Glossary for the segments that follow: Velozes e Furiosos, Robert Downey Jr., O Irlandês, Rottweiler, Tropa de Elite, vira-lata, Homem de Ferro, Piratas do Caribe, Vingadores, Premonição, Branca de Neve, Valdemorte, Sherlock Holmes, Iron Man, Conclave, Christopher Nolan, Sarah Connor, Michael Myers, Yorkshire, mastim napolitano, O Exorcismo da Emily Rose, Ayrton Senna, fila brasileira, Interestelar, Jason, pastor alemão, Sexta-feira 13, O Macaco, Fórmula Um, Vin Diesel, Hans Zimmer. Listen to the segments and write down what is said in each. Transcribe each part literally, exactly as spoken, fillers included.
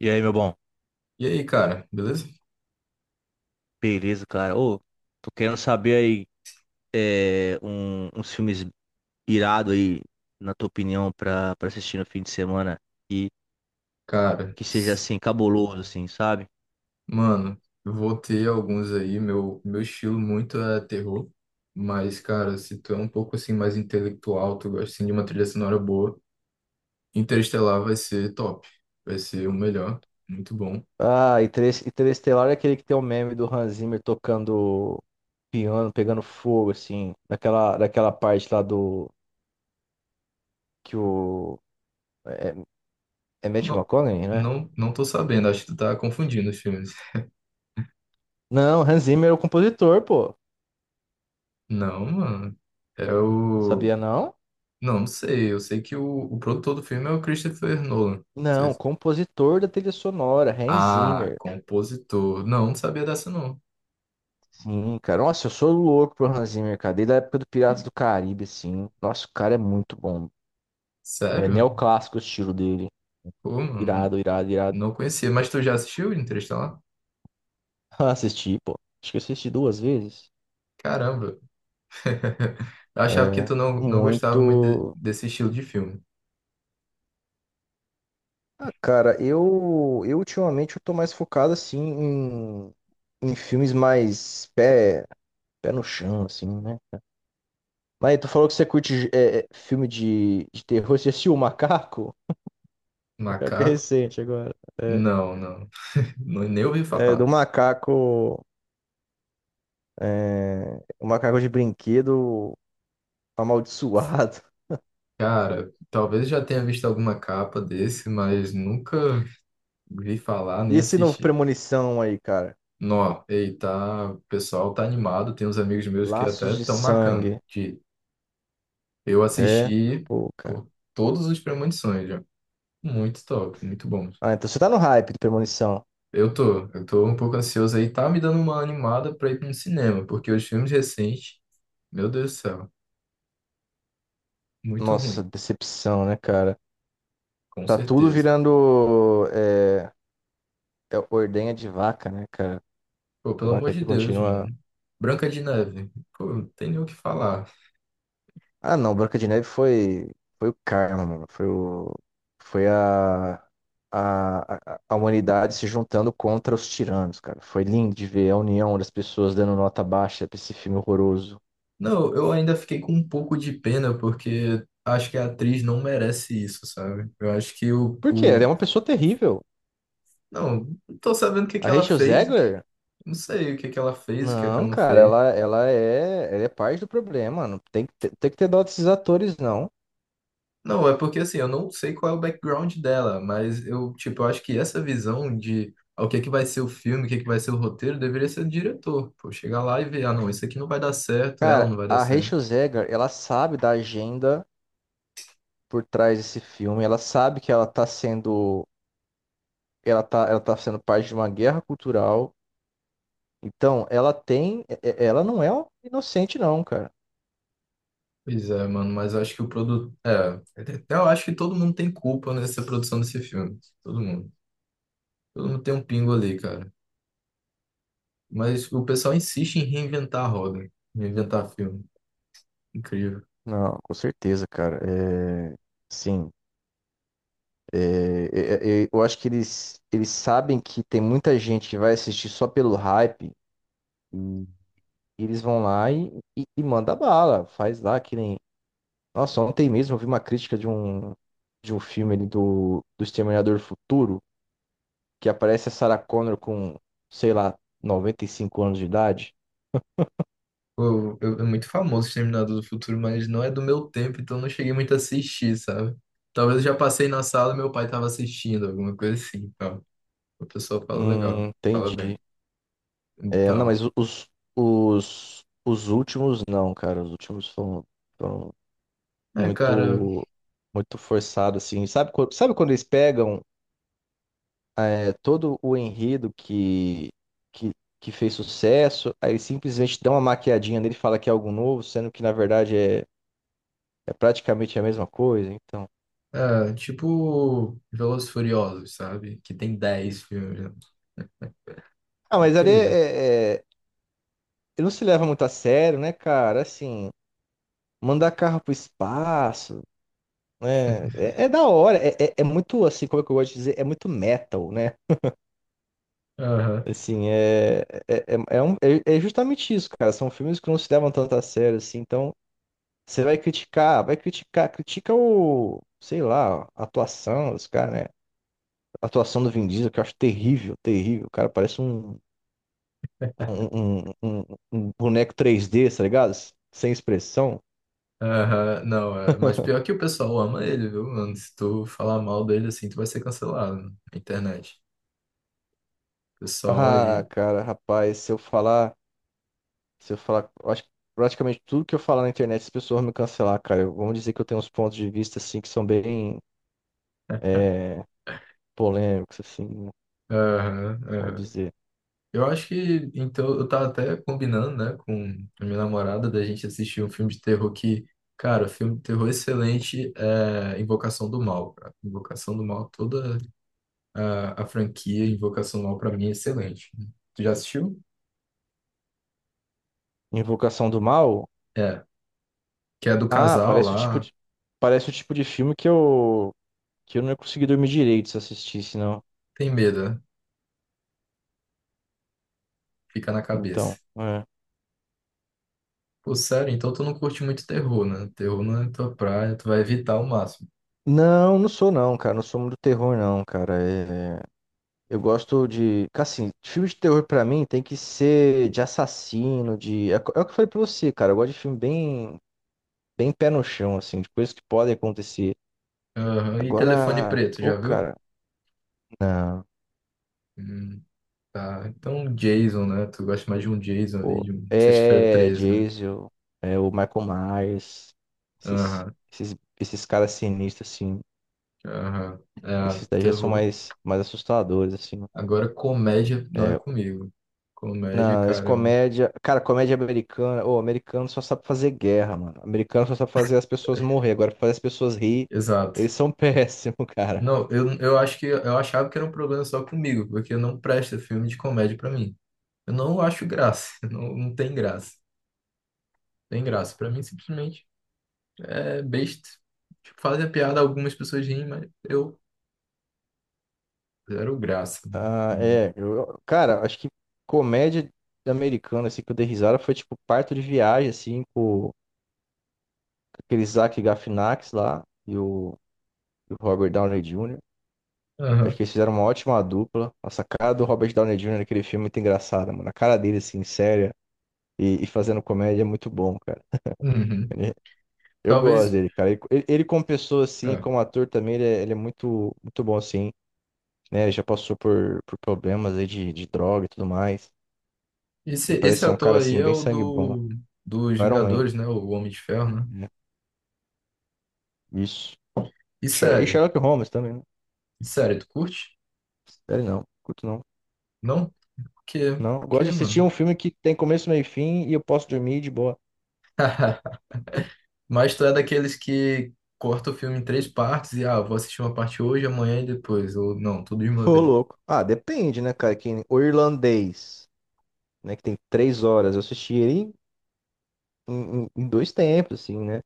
E aí, meu bom? E aí, cara, beleza? Beleza, cara? Ô, tô querendo saber aí é, um- uns filmes irado aí, na tua opinião, pra, pra assistir no fim de semana e Cara, que seja s- assim, cabuloso, assim, sabe? mano, eu vou ter alguns aí. Meu, meu estilo muito é terror, mas, cara, se tu é um pouco assim mais intelectual, tu gosta assim, de uma trilha sonora boa, Interestelar vai ser top, vai ser o melhor, muito bom. Ah, Interes- Interestelar é aquele que tem o meme do Hans Zimmer tocando piano, pegando fogo, assim, naquela daquela parte lá do que o. É, é Matthew Não, McConaughey, né? não, não tô sabendo, acho que tu tá confundindo os filmes. Não, Hans Zimmer é o compositor, pô. Não, mano, é o. Sabia não? Não, não sei, eu sei que o, o produtor do filme é o Christopher Nolan. Não, Vocês- compositor da trilha sonora, Hans Ah, Zimmer. compositor. Não, não sabia dessa, não. Sim, cara. Nossa, eu sou louco pro Hans Zimmer, cara. Desde a época do Piratas do Caribe, assim. Nossa, o cara é muito bom. É Sério? neoclássico o estilo dele. Pô, mano, Irado, irado, irado. não conhecia. Mas tu já assistiu Interestelar? Assisti, pô. Acho que eu assisti duas vezes. Caramba. Eu achava que É, tu não, não gostava muito de- muito. desse estilo de filme. Ah, cara, eu, eu ultimamente eu tô mais focado, assim, em, em filmes mais pé, pé no chão, assim, né? Mas tu falou que você curte é, é, filme de, de terror. Você assistiu O Macaco? O Macaco é Macaco? recente agora. Não, não. Nu- Nem ouvi É, do falar. Macaco. É, o macaco de brinquedo amaldiçoado. Cara, talvez já tenha visto alguma capa desse, mas nunca vi falar nem E esse novo assisti. Premonição aí, cara? Nó, ei, tá, o pessoal tá animado. Tem uns amigos meus que até Laços de tão marcando. sangue. De eu É? assisti Pô, cara. por todos os premonições já. Muito top, muito bom. Ah, então você tá no hype do Premonição. Eu tô, eu tô um pouco ansioso aí. Tá me dando uma animada pra ir pra um cinema, porque os filmes recentes, meu Deus do céu, muito Nossa, ruim, decepção, né, cara? com Tá tudo certeza. virando é, é, ordenha de vaca, né, cara? Pô, pelo amor Vaca de que Deus, continua. mano. Branca de Neve, pô, não tem nem o que falar. Ah, não, Branca de Neve foi, foi o karma, mano. Foi o, foi a, a, a a humanidade se juntando contra os tiranos, cara. Foi lindo de ver a união das pessoas dando nota baixa pra esse filme horroroso. Não, eu ainda fiquei com um pouco de pena, porque acho que a atriz não merece isso, sabe? Eu acho que o, Por quê? Ela o... é uma pessoa terrível. Não, não tô sabendo o que que A ela Rachel fez, o que- Zegler? não sei o que que ela fez, o que é que Não, ela não cara, fez. ela, ela é, ela é parte do problema, mano. Tem que ter, tem que ter dó desses atores, não. Não, é porque assim, eu não sei qual é o background dela, mas eu, tipo, eu acho que essa visão de ah, o que é que vai ser o filme, o que é que vai ser o roteiro, deveria ser do diretor. Pô, chegar lá e ver, ah, não, isso aqui não vai dar certo, ela Cara, não vai dar a certo. Rachel Zegler, ela sabe da agenda por trás desse filme. Ela sabe que ela tá sendo ela tá, ela tá sendo parte de uma guerra cultural. Então, ela tem, é- é- ela não é um inocente, não, cara. Pois é, mano, mas eu acho que o produto. É, eu acho que todo mundo tem culpa nessa produção desse filme. Todo mundo. Todo mundo tem um pingo ali, cara. Mas o pessoal insiste em reinventar a roda, reinventar filme. Incrível. Não, com certeza, cara. É, sim. É, é, é, é, eu acho que eles, eles sabem que tem muita gente que vai assistir só pelo hype e eles vão lá e, e, e manda bala, faz lá que nem. Nossa, ontem mesmo eu vi uma crítica de um, de um filme ali do, do Exterminador do Futuro, que aparece a Sarah Connor com, sei lá, noventa e cinco anos de idade. Pô, eu- é muito famoso Exterminador do Futuro, mas não é do meu tempo, então não cheguei muito a assistir, sabe? Talvez eu já passei na sala e meu pai tava assistindo, alguma coisa assim, tal. O pessoal fala legal, Hum, fala entendi. bem, e É, não, tal. mas os, os, os últimos não, cara. Os últimos foram, foram É, cara, muito, muito forçados, assim. Sabe, quando- sabe quando eles pegam é, todo o enredo que, que, que fez sucesso, aí eles simplesmente dão uma maquiadinha nele e fala que é algo novo, sendo que na verdade é, é praticamente a mesma coisa, então. é, tipo Velozes e Furiosos, sabe? Que tem dez filmes, né? Ah, mas ali é, Incrível. é- é, ele não se leva muito a sério, né, cara? Assim, mandar carro pro espaço. É, é, é da hora, é, é, é muito assim, como é que eu gosto de dizer, é muito metal, né? Aham, Assim, é, é, é, é um- é- é justamente isso, cara. São filmes que não se levam tanto a sério, assim, então você vai criticar, vai criticar, critica o, sei lá, a atuação dos caras, né? A atuação do Vin Diesel, que eu acho terrível, terrível. O cara parece um, um, um, um- um boneco três D, tá ligado? Sem expressão. aham, não, é. Mas pior que o pessoal ama ele, viu, mano? Se tu falar mal dele assim, tu vai ser cancelado na internet. Pessoal Ah, aí. cara, rapaz, se eu falar. Se eu falar, eu acho que praticamente tudo que eu falar na internet, as pessoas vão me cancelar, cara. Eu- Vamos dizer que eu tenho uns pontos de vista, assim, que são bem é, polêmicos, assim, como eu Aham, vou aham. dizer. Eu acho que, então, eu tava até combinando, né, com a minha namorada da gente assistir um filme de terror que, cara, filme de terror excelente é Invocação do Mal, cara. Invocação do Mal, toda a, a franquia Invocação do Mal pra mim é excelente. Tu já assistiu? Invocação do Mal? É, que é do Ah, casal parece o tipo lá, de, parece o tipo de filme que eu, que eu não ia conseguir dormir direito se assistisse, não. tem medo, né? Fica na Então, cabeça. é. Pô, sério, então tu não curte muito terror, né? Terror não é tua praia, tu vai evitar ao máximo. Não, não sou não, cara. Não sou muito do terror, não, cara. É, eu gosto de. Assim, filme de terror pra mim tem que ser de assassino, de. É é o que eu falei pra você, cara. Eu gosto de filme bem bem pé no chão, assim, de coisas que podem acontecer. Aham, e Telefone Agora, Preto, pô, já viu? cara, não, Hum. Tá, então Jason, né? Tu gosta mais de um Jason ali, pô. de um Sexta-feira É treze, né? Jason, é o Michael Myers, esses, Aham, esses, esses caras sinistros, assim. aham. É, Esses daí já são terror. mais, mais assustadores, assim. Agora, comédia não é É, comigo. Comédia, não, esse cara, eu... comédia. Cara, comédia americana. O americano só sabe fazer guerra, mano. Americano só sabe fazer as pessoas morrer. Agora, fazer as pessoas rir, Exato. eles são péssimos, cara. Não, eu, eu acho que eu achava que era um problema só comigo, porque não presta filme de comédia pra mim. Eu não acho graça, não, não tem graça. Tem graça. Pra mim, simplesmente é besta. Tipo, fazem a piada, algumas pessoas riem, mas eu zero graça. Ah, é. eu- cara, acho que comédia americana, assim, que eu dei risada foi tipo Parto de Viagem, assim, com aquele Zach Galifianakis lá e o, e o Robert Downey júnior Acho Aham. que eles fizeram uma ótima dupla. Nossa, a cara do Robert Downey júnior naquele filme é muito engraçada, mano. A cara dele, assim, séria e, e fazendo comédia é muito bom, cara. Uhum. Ele- eu gosto Talvez. dele, cara. Ele, ele ele como pessoa, assim, É. como ator também, ele é, ele é muito, muito bom, assim, né? Já passou por, por problemas aí de, de droga e tudo mais. Esse, E parece esse ser um cara, ator aí assim, é bem o sangue bom. do, dos O Iron Man, Vingadores, né? O Homem de Ferro, né? né? Isso. E E Sher- e sério, Sherlock Holmes também, né? e sério, tu curte? Sério, não. Curto não. Não? Por quê? Não. Por Gosto de quê, assistir mano? um filme que tem começo, meio e fim e eu posso dormir de boa. Mas tu é daqueles que corta o filme em três partes e, ah, vou assistir uma parte hoje, amanhã e depois. Ou não, tudo de uma Ô, vez. louco. Ah, depende, né, cara? Que o irlandês, né? Que tem três horas. Eu assisti ele em, em- em dois tempos, assim, né?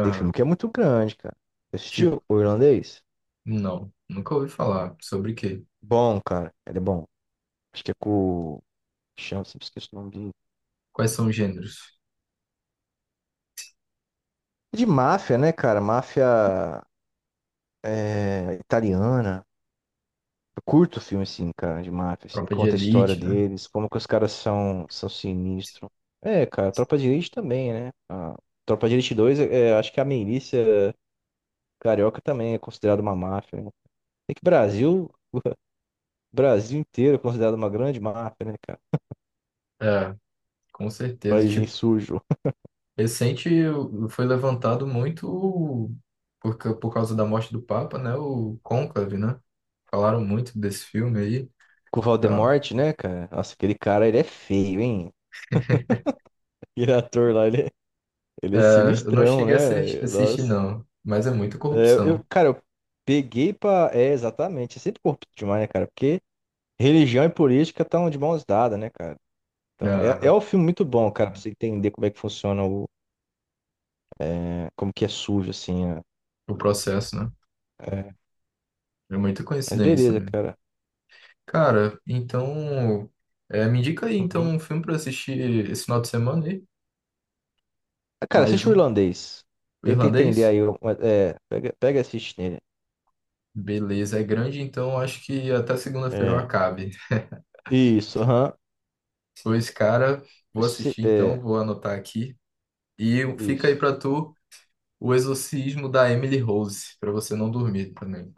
Tem filme que é muito grande, cara. Você tipo, assistiu o irlandês? não. Nunca ouvi falar. Sobre o quê? Bom, cara. Ele é bom. Acho que é com. o- Chama, sempre esqueço o nome dele. Quais são os gêneros? É de máfia, né, cara? Máfia é, italiana. Eu curto filme, assim, cara, de máfia, assim, Tropa de conta a história Elite, né? deles, como que os caras são, são sinistros. É, cara, Tropa de Elite também, né? A Tropa de Elite dois, é, acho que a milícia carioca também é considerada uma máfia, né? É que Brasil, Brasil inteiro é considerado uma grande máfia, né, cara? É, com certeza. Paísinho Tipo, sujo. recente foi levantado muito por, ca- por causa da morte do Papa, né? O Conclave, né? Falaram muito desse filme aí, e Com o tal. Valdemorte, né, cara? Nossa, aquele cara, ele é feio, hein? Aquele ator lá, ele é, ele é É, eu não sinistrão, cheguei a assistir, né? assistir Nossa. não, mas é muita É, eu, corrupção, cara, eu peguei pra... É, exatamente. É sempre corrupto demais, né, cara? Porque religião e política estão de mãos dadas, né, cara? Então, é, é né? um filme muito bom, cara, pra você entender como é que funciona o, é, como que é sujo, assim. É. O processo, né? É, É muita mas coincidência beleza, mesmo. cara. Cara, então é, me indica aí então Uhum. um filme para assistir esse final de semana aí, Ah, cara, mais assiste o um, irlandês. o Tenta entender irlandês. aí. o- É, é, pega, pega e assiste nele. Beleza, é grande, então acho que até segunda-feira eu É. acabe. Isso, aham. Pois, cara, vou Se- assistir então, É, vou anotar aqui. E fica aí isso. pra tu o exorcismo da Emily Rose, pra você não dormir também.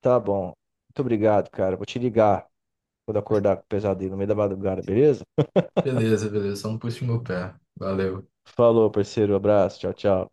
Tá bom. Muito obrigado, cara. Vou te ligar quando acordar com o pesadelo no meio da madrugada, beleza? Beleza, beleza, só não puxa o meu pé. Valeu. Falou, parceiro. Abraço. Tchau, tchau.